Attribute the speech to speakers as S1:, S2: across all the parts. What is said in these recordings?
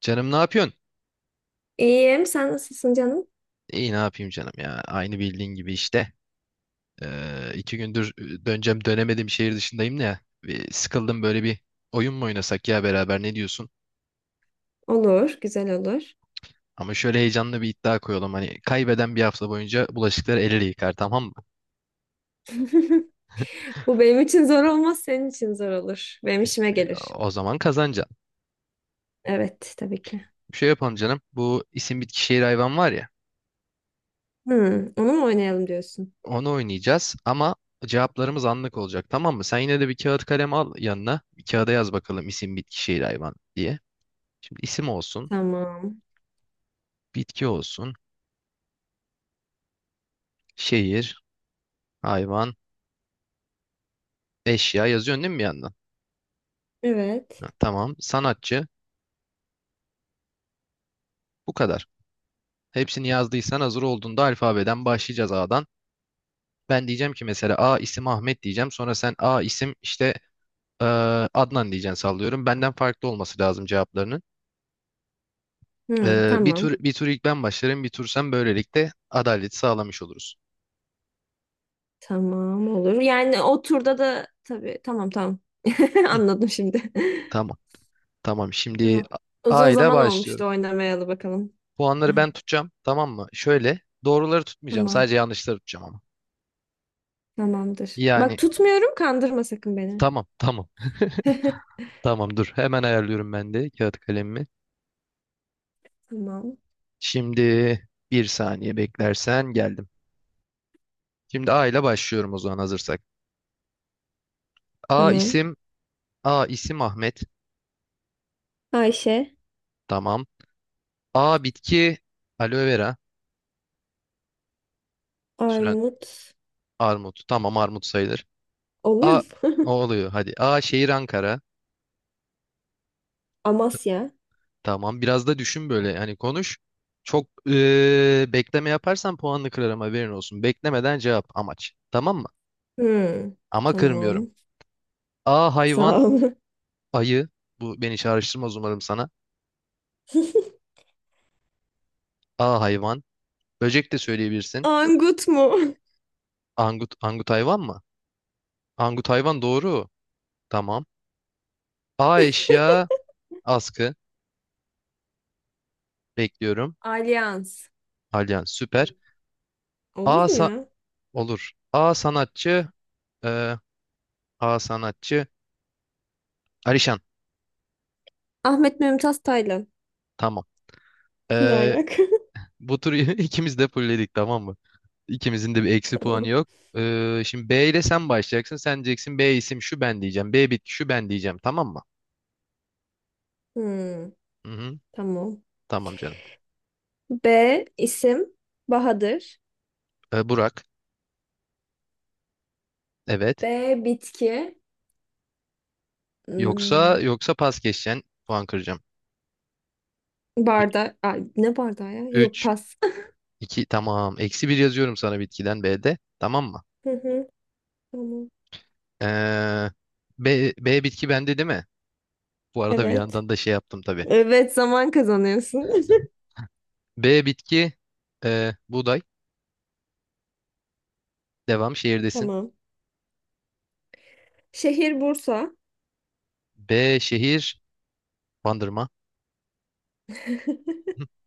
S1: Canım ne yapıyorsun?
S2: İyiyim. Sen nasılsın canım?
S1: İyi ne yapayım canım ya. Aynı bildiğin gibi işte. İki gündür döneceğim dönemedim şehir dışındayım da ya. Bir sıkıldım böyle bir oyun mu oynasak ya beraber, ne diyorsun?
S2: Olur, güzel olur.
S1: Ama şöyle heyecanlı bir iddia koyalım. Hani kaybeden bir hafta boyunca bulaşıkları el ele yıkar, tamam mı?
S2: Bu benim için zor olmaz, senin için zor olur. Benim işime gelir.
S1: O zaman kazanacaksın.
S2: Evet, tabii ki.
S1: Bir şey yapalım canım. Bu isim bitki şehir hayvan var ya.
S2: Hı, onu mu oynayalım diyorsun?
S1: Onu oynayacağız ama cevaplarımız anlık olacak, tamam mı? Sen yine de bir kağıt kalem al yanına. Bir kağıda yaz bakalım isim bitki şehir hayvan diye. Şimdi isim olsun,
S2: Tamam.
S1: bitki olsun. Şehir, hayvan, eşya yazıyorsun değil mi bir yandan?
S2: Evet.
S1: Ha, tamam. Sanatçı. Bu kadar. Hepsini yazdıysan hazır olduğunda alfabeden başlayacağız, A'dan. Ben diyeceğim ki mesela A isim Ahmet diyeceğim. Sonra sen A isim işte e, Adnan diyeceksin, sallıyorum. Benden farklı olması lazım cevaplarının.
S2: Hı,
S1: Bir
S2: tamam.
S1: tur ilk ben başlarım, bir tur sen, böylelikle adaleti sağlamış oluruz.
S2: Tamam olur. Yani o turda da tabii, tamam.
S1: Hı,
S2: Anladım şimdi.
S1: tamam. Tamam. Şimdi
S2: Tamam.
S1: A
S2: Uzun
S1: ile
S2: zaman olmuştu
S1: başlıyorum.
S2: oynamayalı bakalım.
S1: Puanları ben tutacağım. Tamam mı? Şöyle, doğruları tutmayacağım.
S2: Tamam.
S1: Sadece yanlışları tutacağım ama.
S2: Tamamdır. Bak
S1: Yani
S2: tutmuyorum, kandırma sakın beni.
S1: tamam, tamam. Tamam Dur. Hemen ayarlıyorum ben de kağıt kalemimi.
S2: Tamam.
S1: Şimdi bir saniye beklersen geldim. Şimdi A ile başlıyorum o zaman, hazırsak. A
S2: Tamam.
S1: isim, A isim Ahmet.
S2: Ayşe.
S1: Tamam. A bitki aloe vera. Süren
S2: Armut.
S1: armut. Tamam, armut sayılır.
S2: Oluyor
S1: A
S2: mu?
S1: o oluyor hadi. A şehir Ankara.
S2: Amasya.
S1: Tamam biraz da düşün böyle, hani konuş. Çok bekleme yaparsan puanını kırarım, haberin olsun. Beklemeden cevap amaç. Tamam mı?
S2: Hmm,
S1: Ama kırmıyorum.
S2: tamam.
S1: A
S2: Sağ
S1: hayvan
S2: ol.
S1: ayı. Bu beni çağrıştırmaz umarım sana. A hayvan. Böcek de söyleyebilirsin.
S2: Angut mu?
S1: Angut, angut hayvan mı? Angut hayvan doğru. Tamam. A eşya askı. Bekliyorum.
S2: Alyans.
S1: Alyan süper.
S2: Olur
S1: A
S2: mu
S1: sa-
S2: ya?
S1: olur. A sanatçı. e, A sanatçı. Alişan.
S2: Ahmet Mümtaz Taylan.
S1: Tamam.
S2: Ne
S1: E,
S2: alaka?
S1: Bu turu ikimiz de fulledik, tamam mı? İkimizin de bir eksi puanı
S2: Tamam.
S1: yok. Şimdi B ile sen başlayacaksın. Sen diyeceksin B isim şu, ben diyeceğim B bitki şu, ben diyeceğim. Tamam mı?
S2: Hmm,
S1: Hı hı.
S2: tamam.
S1: Tamam canım.
S2: B isim Bahadır.
S1: Burak. Evet.
S2: B. Bitki.
S1: Yoksa
S2: Hmm,
S1: yoksa pas geçeceksin. Puan kıracağım.
S2: barda Ay, ne bardağı ya? Yok,
S1: 3
S2: pas.
S1: 2 tamam. Eksi bir yazıyorum sana bitkiden B'de. Tamam mı?
S2: Hı hı, tamam.
S1: Ee, B, B bitki bende değil mi? Bu arada bir
S2: Evet.
S1: yandan da şey yaptım tabii.
S2: Evet, zaman kazanıyorsun.
S1: B bitki buğday. Devam, şehirdesin.
S2: Tamam. Şehir Bursa.
S1: B şehir Bandırma.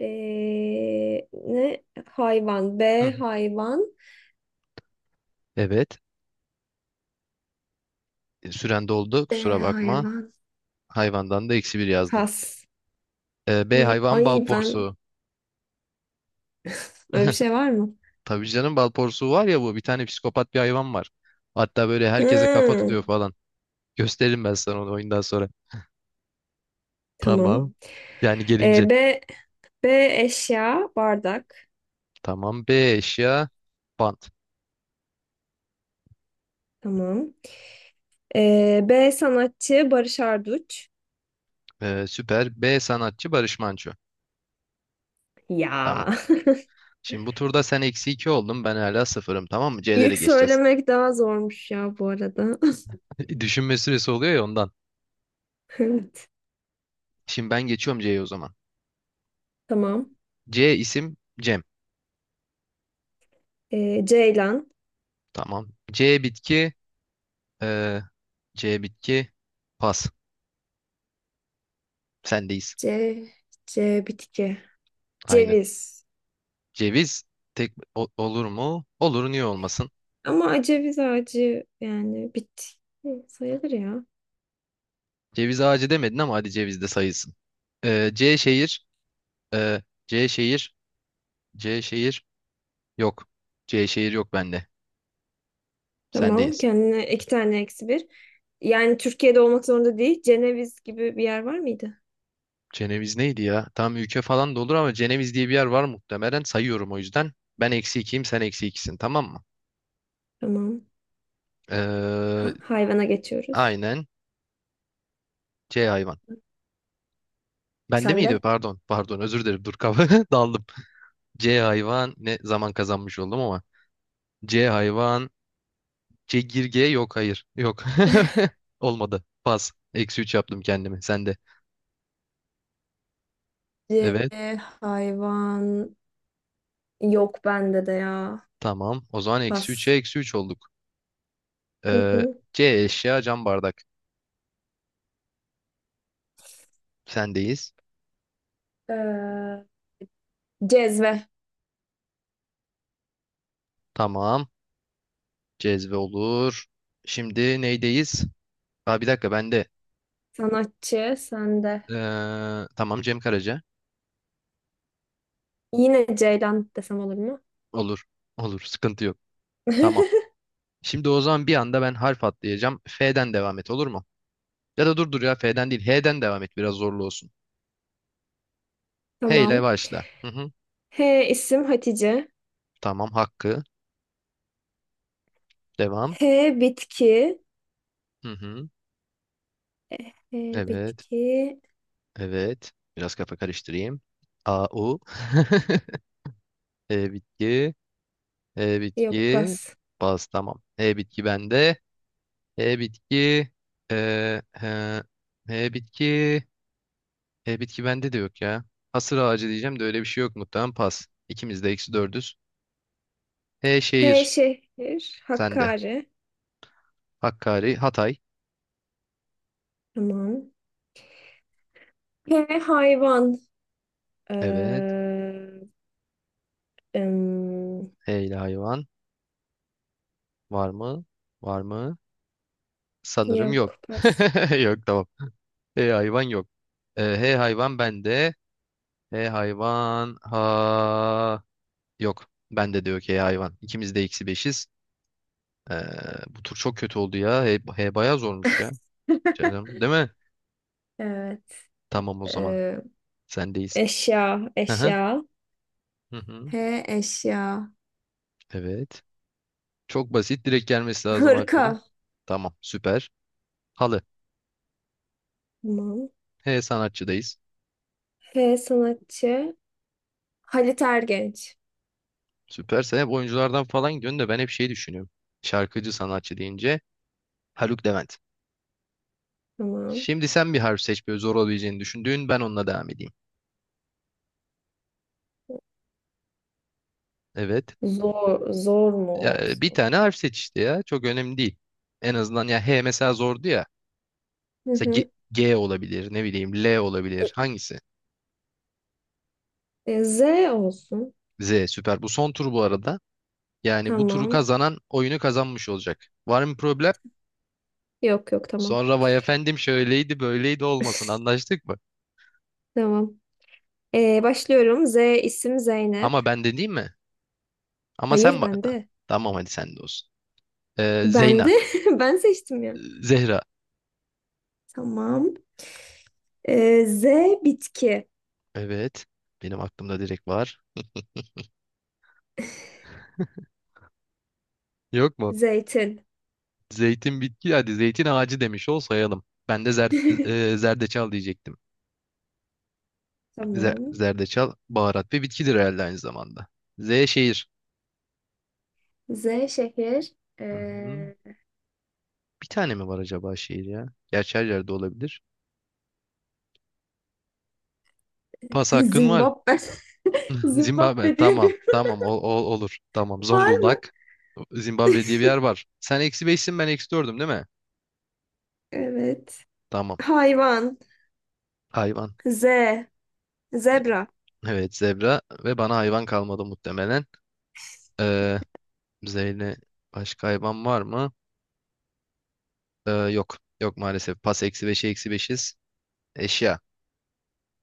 S2: Ne? Hayvan.
S1: Hı
S2: B
S1: hı.
S2: hayvan.
S1: Evet. Süren doldu.
S2: E,
S1: Kusura bakma.
S2: hayvan.
S1: Hayvandan da eksi bir yazdım.
S2: Kas.
S1: B
S2: Hı,
S1: hayvan bal
S2: Ay ben
S1: porsuğu.
S2: öyle bir şey var mı?
S1: Tabii canım, bal porsuğu var ya bu. Bir tane psikopat bir hayvan var. Hatta böyle herkese kafa
S2: Hı,
S1: tutuyor falan. Gösteririm ben sana onu oyundan sonra.
S2: tamam.
S1: Tamam. Yani
S2: Ee,
S1: gelince.
S2: B B eşya bardak.
S1: Tamam. B eşya. Bant.
S2: Tamam. B sanatçı Barış Arduç.
S1: Süper. B sanatçı Barış Manço. Tamam.
S2: Ya.
S1: Şimdi bu turda sen eksi 2 oldun. Ben hala sıfırım. Tamam mı? C'lere
S2: İlk
S1: geçeceğiz.
S2: söylemek daha zormuş ya bu arada.
S1: Düşünme süresi oluyor ya ondan.
S2: Evet.
S1: Şimdi ben geçiyorum C'ye o zaman.
S2: Tamam.
S1: C isim Cem.
S2: Ceylan.
S1: Tamam. C bitki. ee, C bitki. Pas. Sendeyiz.
S2: C. C bitki.
S1: Aynen.
S2: Ceviz.
S1: Ceviz. Tek o- olur mu? Olur. Niye olmasın?
S2: Ama aceviz ağacı, yani bit sayılır ya.
S1: Ceviz ağacı demedin ama hadi ceviz de sayılsın. C şehir. Ee, C şehir. C şehir. Yok. C şehir yok bende.
S2: Tamam,
S1: Sendeyiz.
S2: kendine iki tane eksi bir. Yani Türkiye'de olmak zorunda değil. Ceneviz gibi bir yer var mıydı?
S1: Ceneviz neydi ya? Tam ülke falan da olur ama Ceneviz diye bir yer var muhtemelen. Sayıyorum o yüzden. Ben eksi ikiyim, sen eksi ikisin, tamam mı?
S2: Tamam.
S1: Ee,
S2: Ha, hayvana geçiyoruz.
S1: aynen. C hayvan. Bende
S2: Sen
S1: miydi?
S2: de?
S1: Pardon. Pardon, özür dilerim. Dur, kafa daldım. C hayvan. Ne zaman kazanmış oldum ama. C hayvan. Çekirge, yok hayır. Yok. Olmadı. Pas. Eksi 3 yaptım kendimi. Sen de. Evet.
S2: Hayvan yok bende de ya.
S1: Tamam. O zaman eksi 3'e
S2: Pas.
S1: eksi 3 olduk.
S2: Hı
S1: Ee,
S2: hı.
S1: C eşya cam bardak. Sendeyiz.
S2: Ee, cezve.
S1: Tamam. Cezve olur. Şimdi neydeyiz? Aa, bir dakika ben de.
S2: Sanatçı sende.
S1: Tamam, Cem Karaca.
S2: Yine Ceylan desem olur mu?
S1: Olur. Olur. Sıkıntı yok. Tamam. Şimdi o zaman bir anda ben harf atlayacağım. F'den devam et olur mu? Ya da dur ya, F'den değil. H'den devam et, biraz zorlu olsun. H ile
S2: Tamam.
S1: başla. Hı hı.
S2: H isim Hatice.
S1: Tamam, Hakkı. Devam.
S2: H bitki.
S1: Hı hı.
S2: E,
S1: Evet.
S2: bitki.
S1: Evet. Biraz kafa karıştırayım. A, U. E, bitki. E,
S2: Yok,
S1: bitki.
S2: pas.
S1: Baz. Tamam. E, bitki bende. E, bitki. E, he, bitki. E, bitki bende de yok ya. Hasır ağacı diyeceğim de öyle bir şey yok muhtemelen. Pas. İkimiz de eksi dördüz. E,
S2: H
S1: şehir.
S2: şehir.
S1: Sende.
S2: Hakkari.
S1: Hakkari. Hatay.
S2: Tamam. H hayvan.
S1: Evet.
S2: Ee, em,
S1: E ile hayvan. Var mı? Var mı? Sanırım yok.
S2: yok, pas.
S1: Yok tamam. E hayvan yok. H hayvan bende. H hayvan ha, yok. Bende de yok H hayvan. İkimiz de eksi beşiz. E, Bu tur çok kötü oldu ya. H, H bayağı zormuş ya. Canım, değil mi?
S2: Evet.
S1: Tamam o zaman.
S2: Ee,
S1: Sendeyiz.
S2: eşya.
S1: Hı hı.
S2: Eşya.
S1: Hı
S2: H
S1: hı.
S2: eşya.
S1: Evet. Çok basit. Direkt gelmesi lazım aklına.
S2: Hırka.
S1: Tamam. Süper. Halı.
S2: Tamam.
S1: H sanatçıdayız.
S2: H sanatçı. Halit Ergenç.
S1: Süper. Sen hep oyunculardan falan gidiyorsun da ben hep şey düşünüyorum. Şarkıcı sanatçı deyince Haluk Levent.
S2: Tamam.
S1: Şimdi sen bir harf seç böyle, zor olabileceğini düşündüğün, ben onunla devam edeyim. Evet.
S2: Zor, zor mu
S1: Ya, bir
S2: olsun?
S1: tane harf seç işte ya. Çok önemli değil. En azından ya H mesela zordu ya.
S2: Hı
S1: Mesela G,
S2: hı.
S1: G olabilir, ne bileyim L olabilir. Hangisi?
S2: E, Z olsun.
S1: Z süper. Bu son tur bu arada. Yani bu turu
S2: Tamam.
S1: kazanan oyunu kazanmış olacak. Var mı problem?
S2: Yok yok, tamam.
S1: Sonra vay efendim şöyleydi böyleydi olmasın, anlaştık mı?
S2: Tamam. Başlıyorum. Z isim Zeynep.
S1: Ama ben de değil mi? Ama sen
S2: Hayır,
S1: bana da.
S2: bende.
S1: Tamam hadi sen de olsun.
S2: Bende.
S1: Zeyna.
S2: Ben seçtim ya.
S1: Zehra.
S2: Tamam. Z bitki.
S1: Evet. Benim aklımda direkt var. Yok mu?
S2: Zeytin.
S1: Zeytin bitki hadi, zeytin ağacı demiş ol sayalım. Ben de zer, zerdeçal diyecektim. Zer-
S2: Tamam.
S1: zerdeçal baharat ve bitkidir herhalde aynı zamanda. Z şehir.
S2: Z şehir.
S1: Hı hı.
S2: Ee,
S1: Bir tane mi var acaba şehir ya? Gerçi her yerde olabilir. Pas hakkın var.
S2: Zimbabwe. Zimbabwe
S1: Zimbabwe
S2: diye
S1: tamam
S2: bir
S1: tamam o, o- olur tamam,
S2: var mı?
S1: Zonguldak, Zimbabwe diye bir yer var. Sen eksi beşsin, ben eksi dördüm değil mi?
S2: Evet.
S1: Tamam
S2: Hayvan.
S1: hayvan,
S2: Z. Zebra.
S1: evet zebra ve bana hayvan kalmadı muhtemelen. Ee, Zeyle başka hayvan var mı? Yok. Yok maalesef. Pas, eksi beşe eksi beşiz. Eşya.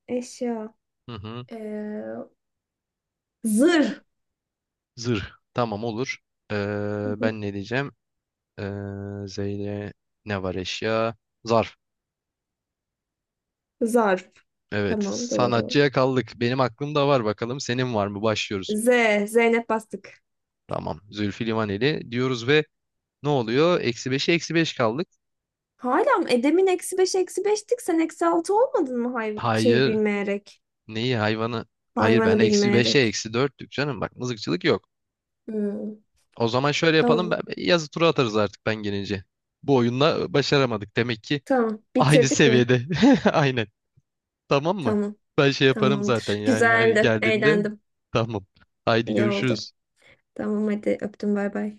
S2: Eşya.
S1: Hı hı.
S2: Ee, zırh.
S1: Zırh. Tamam olur. Ben ne diyeceğim? Zeyle ne var eşya? Zarf.
S2: Zarf.
S1: Evet.
S2: Tamam, doğru.
S1: Sanatçıya kaldık. Benim aklımda var bakalım. Senin var mı? Başlıyoruz.
S2: Z. Zeynep bastık.
S1: Tamam. Zülfü Livaneli diyoruz ve ne oluyor? Eksi beşe eksi beş kaldık.
S2: Hala mı? E, demin eksi beş eksi beştik. Sen eksi altı olmadın mı hay şeyi
S1: Hayır.
S2: bilmeyerek?
S1: Neyi, hayvanı? Hayır ben
S2: Hayvanı
S1: eksi beşe
S2: bilmeyerek.
S1: eksi dörtlük canım. Bak mızıkçılık yok.
S2: Hmm,
S1: O zaman şöyle yapalım.
S2: tamam.
S1: Ben, yazı tura atarız artık ben gelince. Bu oyunda başaramadık. Demek ki
S2: Tamam.
S1: aynı
S2: Bitirdik mi?
S1: seviyede. Aynen. Tamam mı?
S2: Tamam.
S1: Ben şey yaparım zaten
S2: Tamamdır.
S1: yani. Hani
S2: Güzeldi.
S1: geldiğimde
S2: Eğlendim.
S1: tamam. Haydi
S2: İyi oldu.
S1: görüşürüz.
S2: Tamam, hadi öptüm, bay bay.